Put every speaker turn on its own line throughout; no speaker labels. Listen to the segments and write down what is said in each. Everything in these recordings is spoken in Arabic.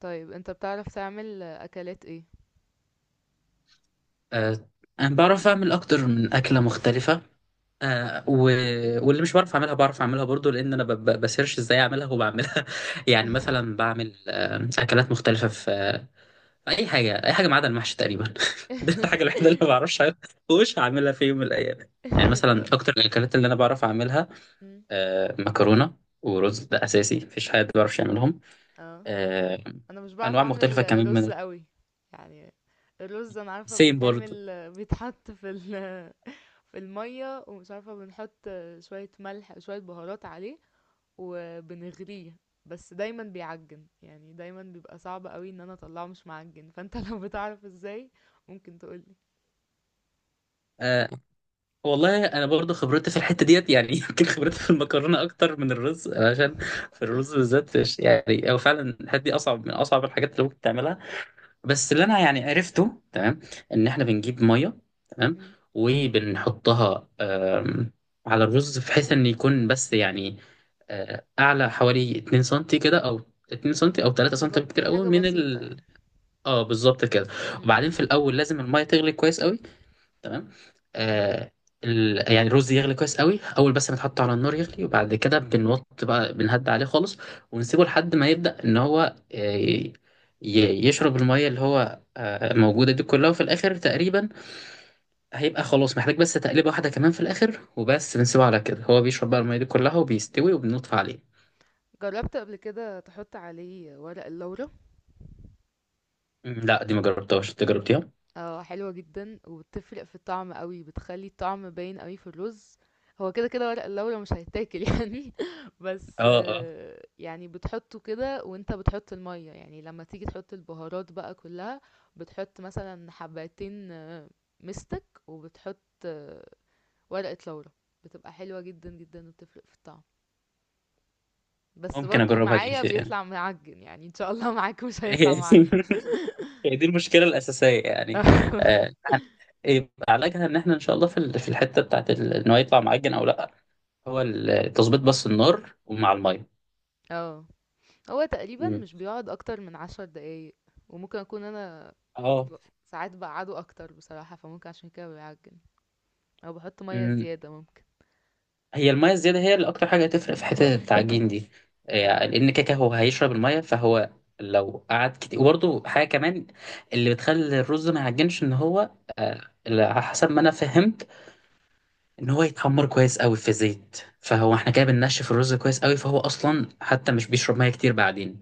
طيب انت بتعرف تعمل اكلات ايه؟
آه، انا بعرف اعمل اكتر من اكله مختلفه. آه، و... واللي مش بعرف اعملها بعرف اعملها برضو لان انا بسيرش ازاي اعملها وبعملها يعني مثلا بعمل اكلات مختلفه في اي حاجه اي حاجه ما عدا المحشي تقريبا دي الحاجه الوحيده اللي ما بعرفش أعملها ومش هعملها في يوم من الايام. يعني مثلا
طب،
اكتر الاكلات اللي انا بعرف اعملها
مم.
مكرونه ورز، ده اساسي، مفيش حد ما بيعرفش يعملهم.
اه،
آه،
انا مش بعرف
انواع مختلفه
اعمل
كمان
رز
من
قوي يعني. الرز انا عارفه
سيم برضو.
بيتعمل، بيتحط في في الميه، ومش عارفه بنحط شويه ملح شويه بهارات عليه وبنغليه. بس دايما بيعجن يعني، دايما بيبقى صعب قوي ان انا اطلعه مش معجن، فانت لو بتعرف ازاي ممكن تقولي.
والله انا برضو خبرتي في الحته ديت يعني يمكن خبرتي في المكرونه اكتر من الرز عشان في الرز بالذات يعني هو فعلا الحته دي اصعب من اصعب الحاجات اللي ممكن تعملها. بس اللي انا يعني عرفته تمام ان احنا بنجيب ميه، تمام،
مم.
وبنحطها على الرز بحيث ان يكون بس يعني اعلى حوالي 2 سنتي كده او 2 سنتي او 3 سنتي بكتير
مغطيه
قوي
حاجه
من
بسيطه
ال.
يعني.
اه بالظبط كده.
مم.
وبعدين في الاول لازم الميه تغلي كويس قوي، تمام.
مم.
آه يعني الرز يغلي كويس قوي، اول بس ما تحطه على النار يغلي وبعد كده بنوط بقى بنهد عليه خالص، ونسيبه لحد ما يبدأ ان هو يشرب الميه اللي هو موجوده دي كلها. وفي الاخر تقريبا هيبقى خلاص محتاج بس تقليبه واحده كمان في الاخر، وبس بنسيبه على كده هو بيشرب بقى الميه دي كلها وبيستوي وبنطفي عليه.
جربت قبل كده تحط عليه ورق اللورا؟
لا، دي ما جربتهاش، انت جربتيها؟
اه، حلوة جدا وبتفرق في الطعم قوي، بتخلي الطعم باين قوي في الرز. هو كده كده ورق اللورا مش هيتاكل يعني. بس
اه اه،
يعني بتحطه كده وانت بتحط المية، يعني لما تيجي تحط البهارات بقى كلها بتحط مثلا حبتين مستك، وبتحط آه، ورقة لورا. بتبقى حلوة جدا جدا وبتفرق في الطعم. بس
ممكن
برضو
اجربها دي
معايا بيطلع معجن يعني، ان شاء الله. معاك مش هيطلع معجن.
هي دي المشكله الاساسيه يعني، يعني يبقى علاجها ان احنا ان شاء الله في في الحته بتاعت ان هو يطلع معجن او لا. هو تظبيط بس النار ومع الميه.
اه، هو تقريبا
مم.
مش بيقعد اكتر من 10 دقايق. وممكن اكون انا
اه.
ب- ساعات بقعده اكتر بصراحة، فممكن عشان كده بيعجن، او بحط مية
مم.
زيادة ممكن.
هي الميه الزياده هي اللي اكتر حاجه هتفرق في حته التعجين دي، يعني
اه،
لان كاكا هو هيشرب الميه فهو لو قعد كتير. وبرده حاجه كمان اللي بتخلي الرز ما يعجنش، ان هو، آه، على حسب ما انا فهمت، ان هو يتحمر كويس قوي في زيت، فهو احنا كده بننشف الرز كويس قوي فهو اصلا حتى مش بيشرب ميه كتير بعدين.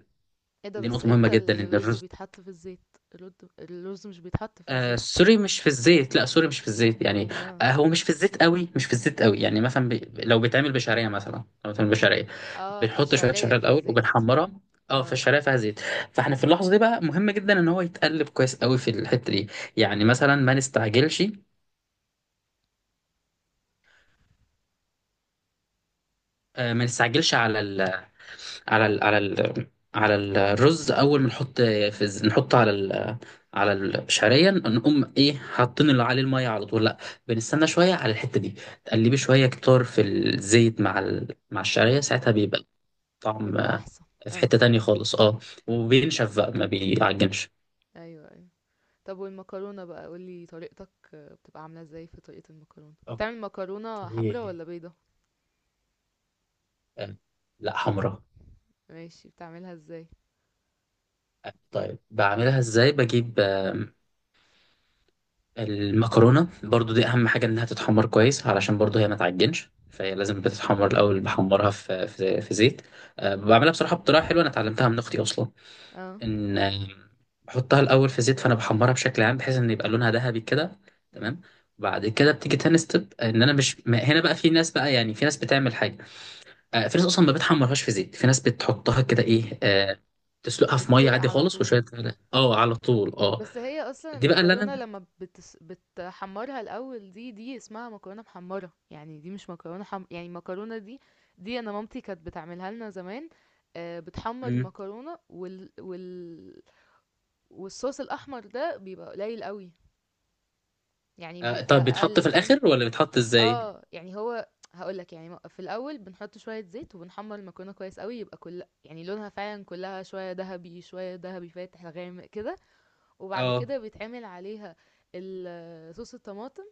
ايه ده؟
دي
بس
نقطه مهمه
امتى
جدا ان
الرز
الرز،
بيتحط في الزيت؟ الرز الرز مش بيتحط في الزيت.
سوري مش في الزيت، لا سوري مش في الزيت يعني،
اه
هو مش في الزيت قوي، مش في الزيت قوي، يعني مثلا لو بيتعمل بشعريه، مثلا لو بيتعمل بشعريه
اه،
بنحط شويه
فالشعرية
شعريه
في
الاول
الزيت.
وبنحمرها. اه
اه،
فالشعريه فيها زيت، فاحنا في اللحظه دي بقى مهم جدا ان هو يتقلب كويس قوي في الحته دي، يعني
امم
مثلا ما نستعجلش، ما نستعجلش على ال... على ال على ال على الرز. اول ما نحط في نحطه على على الشعريه نقوم ايه حاطين اللي عليه الميه على طول؟ لا، بنستنى شويه على الحته دي، تقلبي شويه كتار في الزيت مع مع الشعريه، ساعتها بيبقى طعم
يبقى احسن.
في
اه،
حته تانية خالص، اه.
مم.
وبينشف بقى ما بيعجنش.
ايوه ايوه. طب والمكرونة بقى قولي طريقتك، بتبقى عاملة ازاي؟ في طريقة المكرونة بتعمل مكرونة حمرا
اوكي.
ولا بيضة؟
آه، لا، حمرا.
ماشي، بتعملها ازاي؟
طيب بعملها ازاي؟ بجيب المكرونة، برضو دي أهم حاجة إنها تتحمر كويس علشان برضو هي ما تعجنش، فهي لازم بتتحمر الأول. بحمرها في زيت. أه، بعملها بصراحة بطريقة حلوة أنا اتعلمتها من أختي أصلا.
اه،
إن بحطها الأول في زيت فأنا بحمرها بشكل عام بحيث إن يبقى لونها ذهبي كده، تمام.
مم.
وبعد كده بتيجي تاني ستيب إن أنا مش ما- هنا بقى في ناس بقى، يعني في ناس بتعمل حاجة، في ناس أصلا ما بتحمرهاش في زيت، في ناس بتحطها كده إيه تسلقها في مية
تتسلق
عادي
على
خالص
طول؟
وشوية. اه على طول اه.
بس هي اصلا
دي بقى اللي
المكرونه لما بتحمرها الاول، دي اسمها مكرونه محمره يعني، دي مش يعني المكرونه دي، دي انا مامتي كانت بتعملها لنا زمان. بتحمر
أنا
المكرونه والصوص الاحمر ده بيبقى قليل قوي، يعني بيبقى
طب بيتحط
اقل
في
فاهم.
الاخر ولا بيتحط ازاي؟
اه يعني هو، هقولك يعني، في الاول بنحط شويه زيت وبنحمر المكرونه كويس قوي، يبقى كل يعني لونها فعلا كلها شويه ذهبي، شويه ذهبي فاتح غامق كده. وبعد
اه.
كده بيتعمل عليها صوص الطماطم.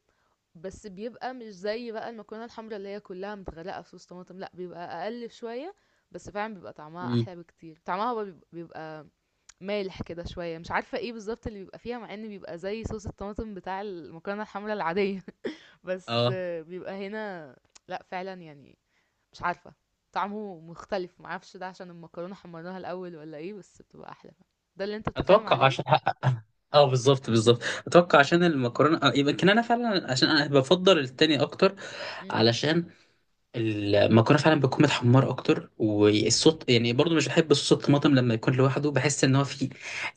بس بيبقى مش زي بقى المكرونه الحمراء اللي هي كلها متغرقه في صوص طماطم، لا بيبقى اقل شويه. بس فعلا بيبقى طعمها
مم.
احلى بكتير، طعمها بقى بيبقى مالح كده شويه، مش عارفه ايه بالظبط اللي بيبقى فيها، مع ان بيبقى زي صوص الطماطم بتاع المكرونه الحمراء العاديه. بس
اه.
بيبقى هنا، لا فعلا يعني، مش عارفه، طعمه مختلف، معرفش ده عشان المكرونه حمرناها الاول ولا ايه، بس بتبقى احلى. ده اللي انت بتتكلم
اتوقع
عليه.
عشان، اه بالظبط بالظبط، اتوقع عشان المكرونه، يمكن انا فعلا عشان انا بفضل التاني اكتر.
امم.
علشان المكرونه فعلا بتكون متحمره اكتر، والصوت يعني برضو مش بحب صوص الطماطم لما يكون لوحده، بحس ان هو فيه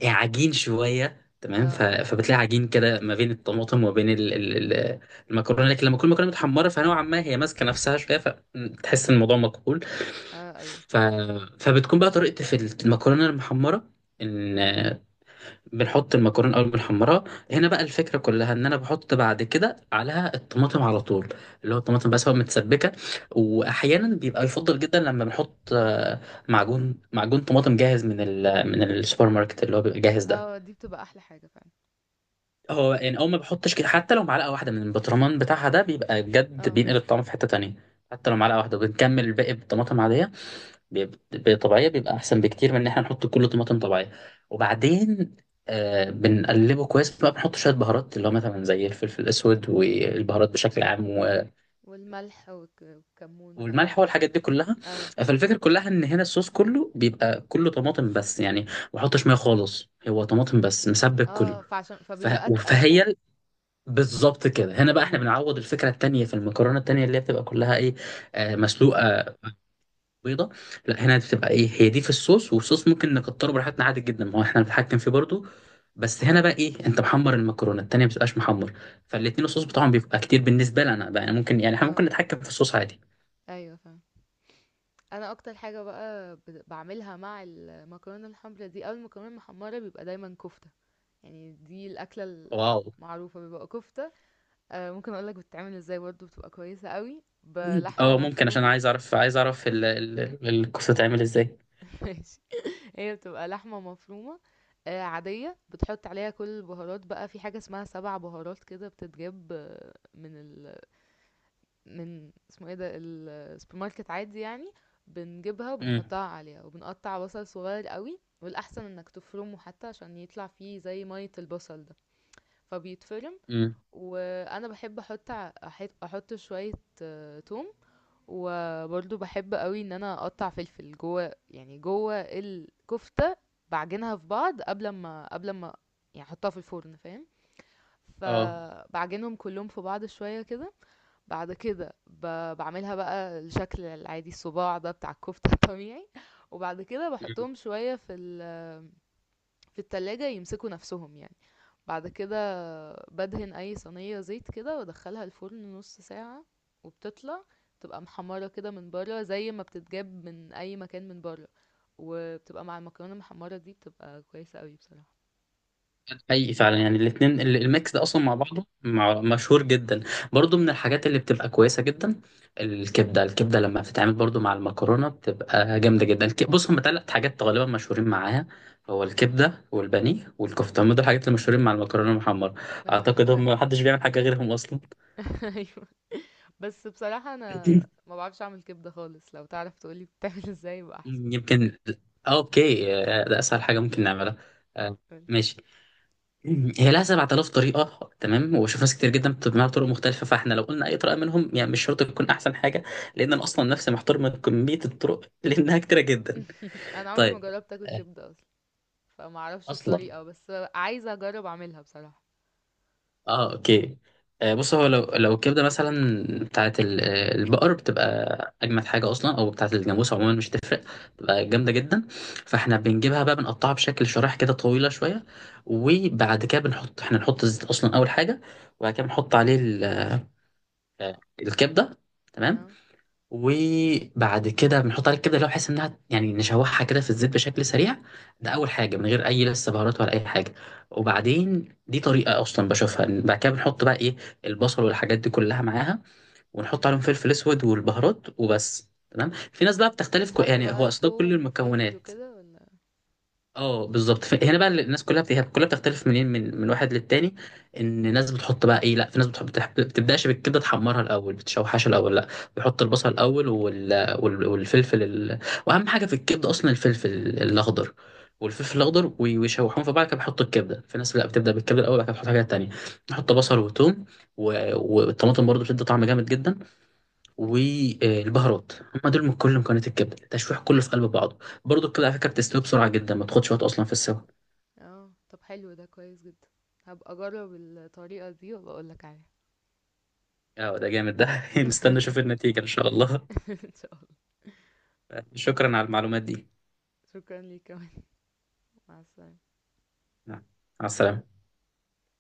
عجين شويه، تمام،
اه
فبتلاقي عجين كده ما بين الطماطم وما بين المكرونه، لكن لما تكون المكرونه متحمره فنوعا ما هي ماسكه نفسها شويه فتحس ان الموضوع مقبول.
اه ايوه.
ف... فبتكون بقى طريقتي في المكرونه المحمره ان بنحط المكرونه اول بنحمرها. هنا بقى الفكره كلها ان انا بحط بعد كده عليها الطماطم على طول، اللي هو الطماطم بس هو متسبكه. واحيانا
امم.
بيبقى يفضل جدا لما بنحط معجون، معجون طماطم جاهز من من السوبر ماركت اللي هو بيبقى جاهز ده.
اه، دي بتبقى احلى حاجة فعلا.
هو يعني اول ما بحطش كده، حتى لو معلقه واحده من البطرمان بتاعها، ده بيبقى بجد
اه،
بينقل الطعم في حته تانية. حتى لو معلقه واحده، بنكمل الباقي بالطماطم عاديه، بيبقى طبيعية، بيبقى أحسن بكتير من إن إحنا نحط كله طماطم طبيعية. وبعدين بنقلبه كويس بقى، بنحط شوية بهارات اللي هو مثلا زي الفلفل الأسود والبهارات بشكل عام
والملح والكمون بقى
والملح
والحاجات
والحاجات دي
دي.
كلها.
اه
فالفكرة كلها إن هنا الصوص كله بيبقى كله طماطم، بس يعني ما بحطش مية خالص، هو طماطم بس مسبك كله.
اه، فعشان فبيبقى اتقل
فهي
فعلا.
بالظبط كده. هنا بقى احنا
امم.
بنعوض الفكره التانيه في المكرونه التانيه اللي هي بتبقى كلها ايه، مسلوقه، بيضه. لا هنا بتبقى ايه، هي دي في الصوص، والصوص ممكن نكتره براحتنا عادي جدا ما هو احنا بنتحكم فيه برضو. بس هنا بقى ايه، انت محمر المكرونه، التانيه ما بتبقاش محمر، فالاتنين الصوص بتاعهم بيبقى كتير بالنسبه لنا بقى، يعني ممكن، يعني احنا ممكن
اه
نتحكم في الصوص عادي.
ايوه فعلا. انا اكتر حاجة بقى بعملها مع المكرونة الحمرا دي او المكرونة المحمرة بيبقى دايما كفتة. يعني دي الاكلة
واو
المعروفة، بيبقى كفتة. آه ممكن اقولك بتتعمل ازاي، برضو بتبقى كويسة قوي
مم.
بلحمة
اه ممكن، عشان
مفرومة.
عايز اعرف، عايز اعرف الكوسه تتعمل ازاي.
ماشي، هي بتبقى لحمة مفرومة عادية، بتحط عليها كل البهارات بقى، في حاجة اسمها سبع بهارات كده بتتجاب من من اسمه ايه ده، السوبر ماركت عادي يعني. بنجيبها
امم
وبنحطها عليها، وبنقطع بصل صغير قوي، والأحسن انك تفرمه حتى عشان يطلع فيه زي مية البصل ده، فبيتفرم.
امم
وأنا بحب أحط ع- أحط أحط شوية توم. وبرضه باحب قوي ان انا اقطع فلفل جوه، يعني جوه الكفتة. بعجنها في بعض قبل ما يعني احطها في الفرن فاهم،
اه.
فبعجنهم كلهم في بعض شوية كده. بعد كده بعملها بقى الشكل العادي الصباع ده بتاع الكفتة الطبيعي. وبعد كده بحطهم شوية في التلاجة يمسكوا نفسهم يعني. بعد كده بدهن اي صينية زيت كده وادخلها الفرن نص ساعة. وبتطلع تبقى محمرة كده من بره زي ما بتتجاب من اي مكان من بره. وبتبقى مع المكرونة المحمرة دي بتبقى كويسة قوي بصراحة.
حقيقي فعلا يعني الاثنين الميكس ده اصلا مع بعضه مشهور جدا، برضو من
امم.
الحاجات اللي بتبقى كويسه جدا. الكبده الكبده لما بتتعمل برضو مع المكرونه بتبقى جامده جدا. بص هم ثلاث حاجات غالبا مشهورين معاها، هو الكبده والبانيه والكفته، هم دول الحاجات اللي مشهورين مع المكرونه المحمره.
اه ده
اعتقد هم
فعلا.
محدش بيعمل حاجه غيرهم اصلا.
ايوه، بس بصراحة انا ما بعرفش اعمل كبدة خالص، لو تعرف تقولي بتعمل ازاي يبقى احسن.
يمكن اوكي. ده اسهل حاجه ممكن نعملها. آه،
قولي.
ماشي. هي لها 7,000 طريقة، تمام، وبشوف ناس كتير جدا بتجمعها بطرق مختلفة، فاحنا لو قلنا أي طريقة منهم يعني مش شرط تكون أحسن حاجة، لأن أنا أصلا نفسي محتار من كمية الطرق لأنها كتيرة جدا.
انا عمري ما
طيب.
جربت اكل
آه،
كبدة اصلا، فما اعرفش
أصلا.
الطريقة، بس عايزة اجرب اعملها بصراحة.
أوكي. بص هو لو الكبدة مثلا بتاعت البقر بتبقى أجمد حاجة أصلا، أو بتاعت الجاموس، عموما مش تفرق، بتبقى
امم.
جامدة جدا. فاحنا بنجيبها بقى، بنقطعها بشكل شرايح كده طويلة شوية. وبعد كده احنا نحط الزيت أصلا أول حاجة، وبعد كده بنحط عليه الكبده، تمام.
اه.
وبعد كده بنحط عليها الكبده اللي هو بحيث انها يعني نشوحها كده في الزيت بشكل سريع. ده
امم.
اول حاجه من غير اي لسه بهارات ولا اي حاجه. وبعدين دي طريقه اصلا بشوفها إن بعد كده بنحط بقى ايه، البصل والحاجات دي كلها معاها، ونحط
امم
عليهم فلفل اسود والبهارات وبس، تمام. في ناس بقى بتختلف
بيتحط
يعني هو
بقى
اصلا كل
توم وفلفل
المكونات،
وكده ولا؟
اه بالظبط. هنا بقى الناس كلها كلها بتختلف منين، من واحد للتاني، ان ناس بتحط بقى ايه، لا في ناس بتحب بتبداش بالكبده تحمرها الاول بتشوحها الاول، لا بيحط البصل الاول والفلفل واهم حاجه في الكبده اصلا الفلفل الاخضر، والفلفل الاخضر ويشوحوهم في بعض كده بيحطوا الكبده. في ناس لا بتبدا بالكبده الاول، بعد كده بتحط حاجات تانيه، نحط
امم.
بصل وثوم و... والطماطم برضو بتدي طعم جامد جدا،
إمم.
والبهارات، هم دول من كل مكونات الكبده، التشويح كله في قلب بعضه. برضو الكبده على فكره بتستوي بسرعه جدا، ما تاخدش وقت اصلا في السوا.
آه. طب حلو ده كويس جدًا. هابقى أجرّب الطريقة دي وأبقى أقول لك عليها.
اه ده جامد ده مستني اشوف النتيجه ان شاء الله.
إن شاء الله.
شكرا على المعلومات دي.
شكرًا ليك كمان. مع السلامة.
مع السلامه.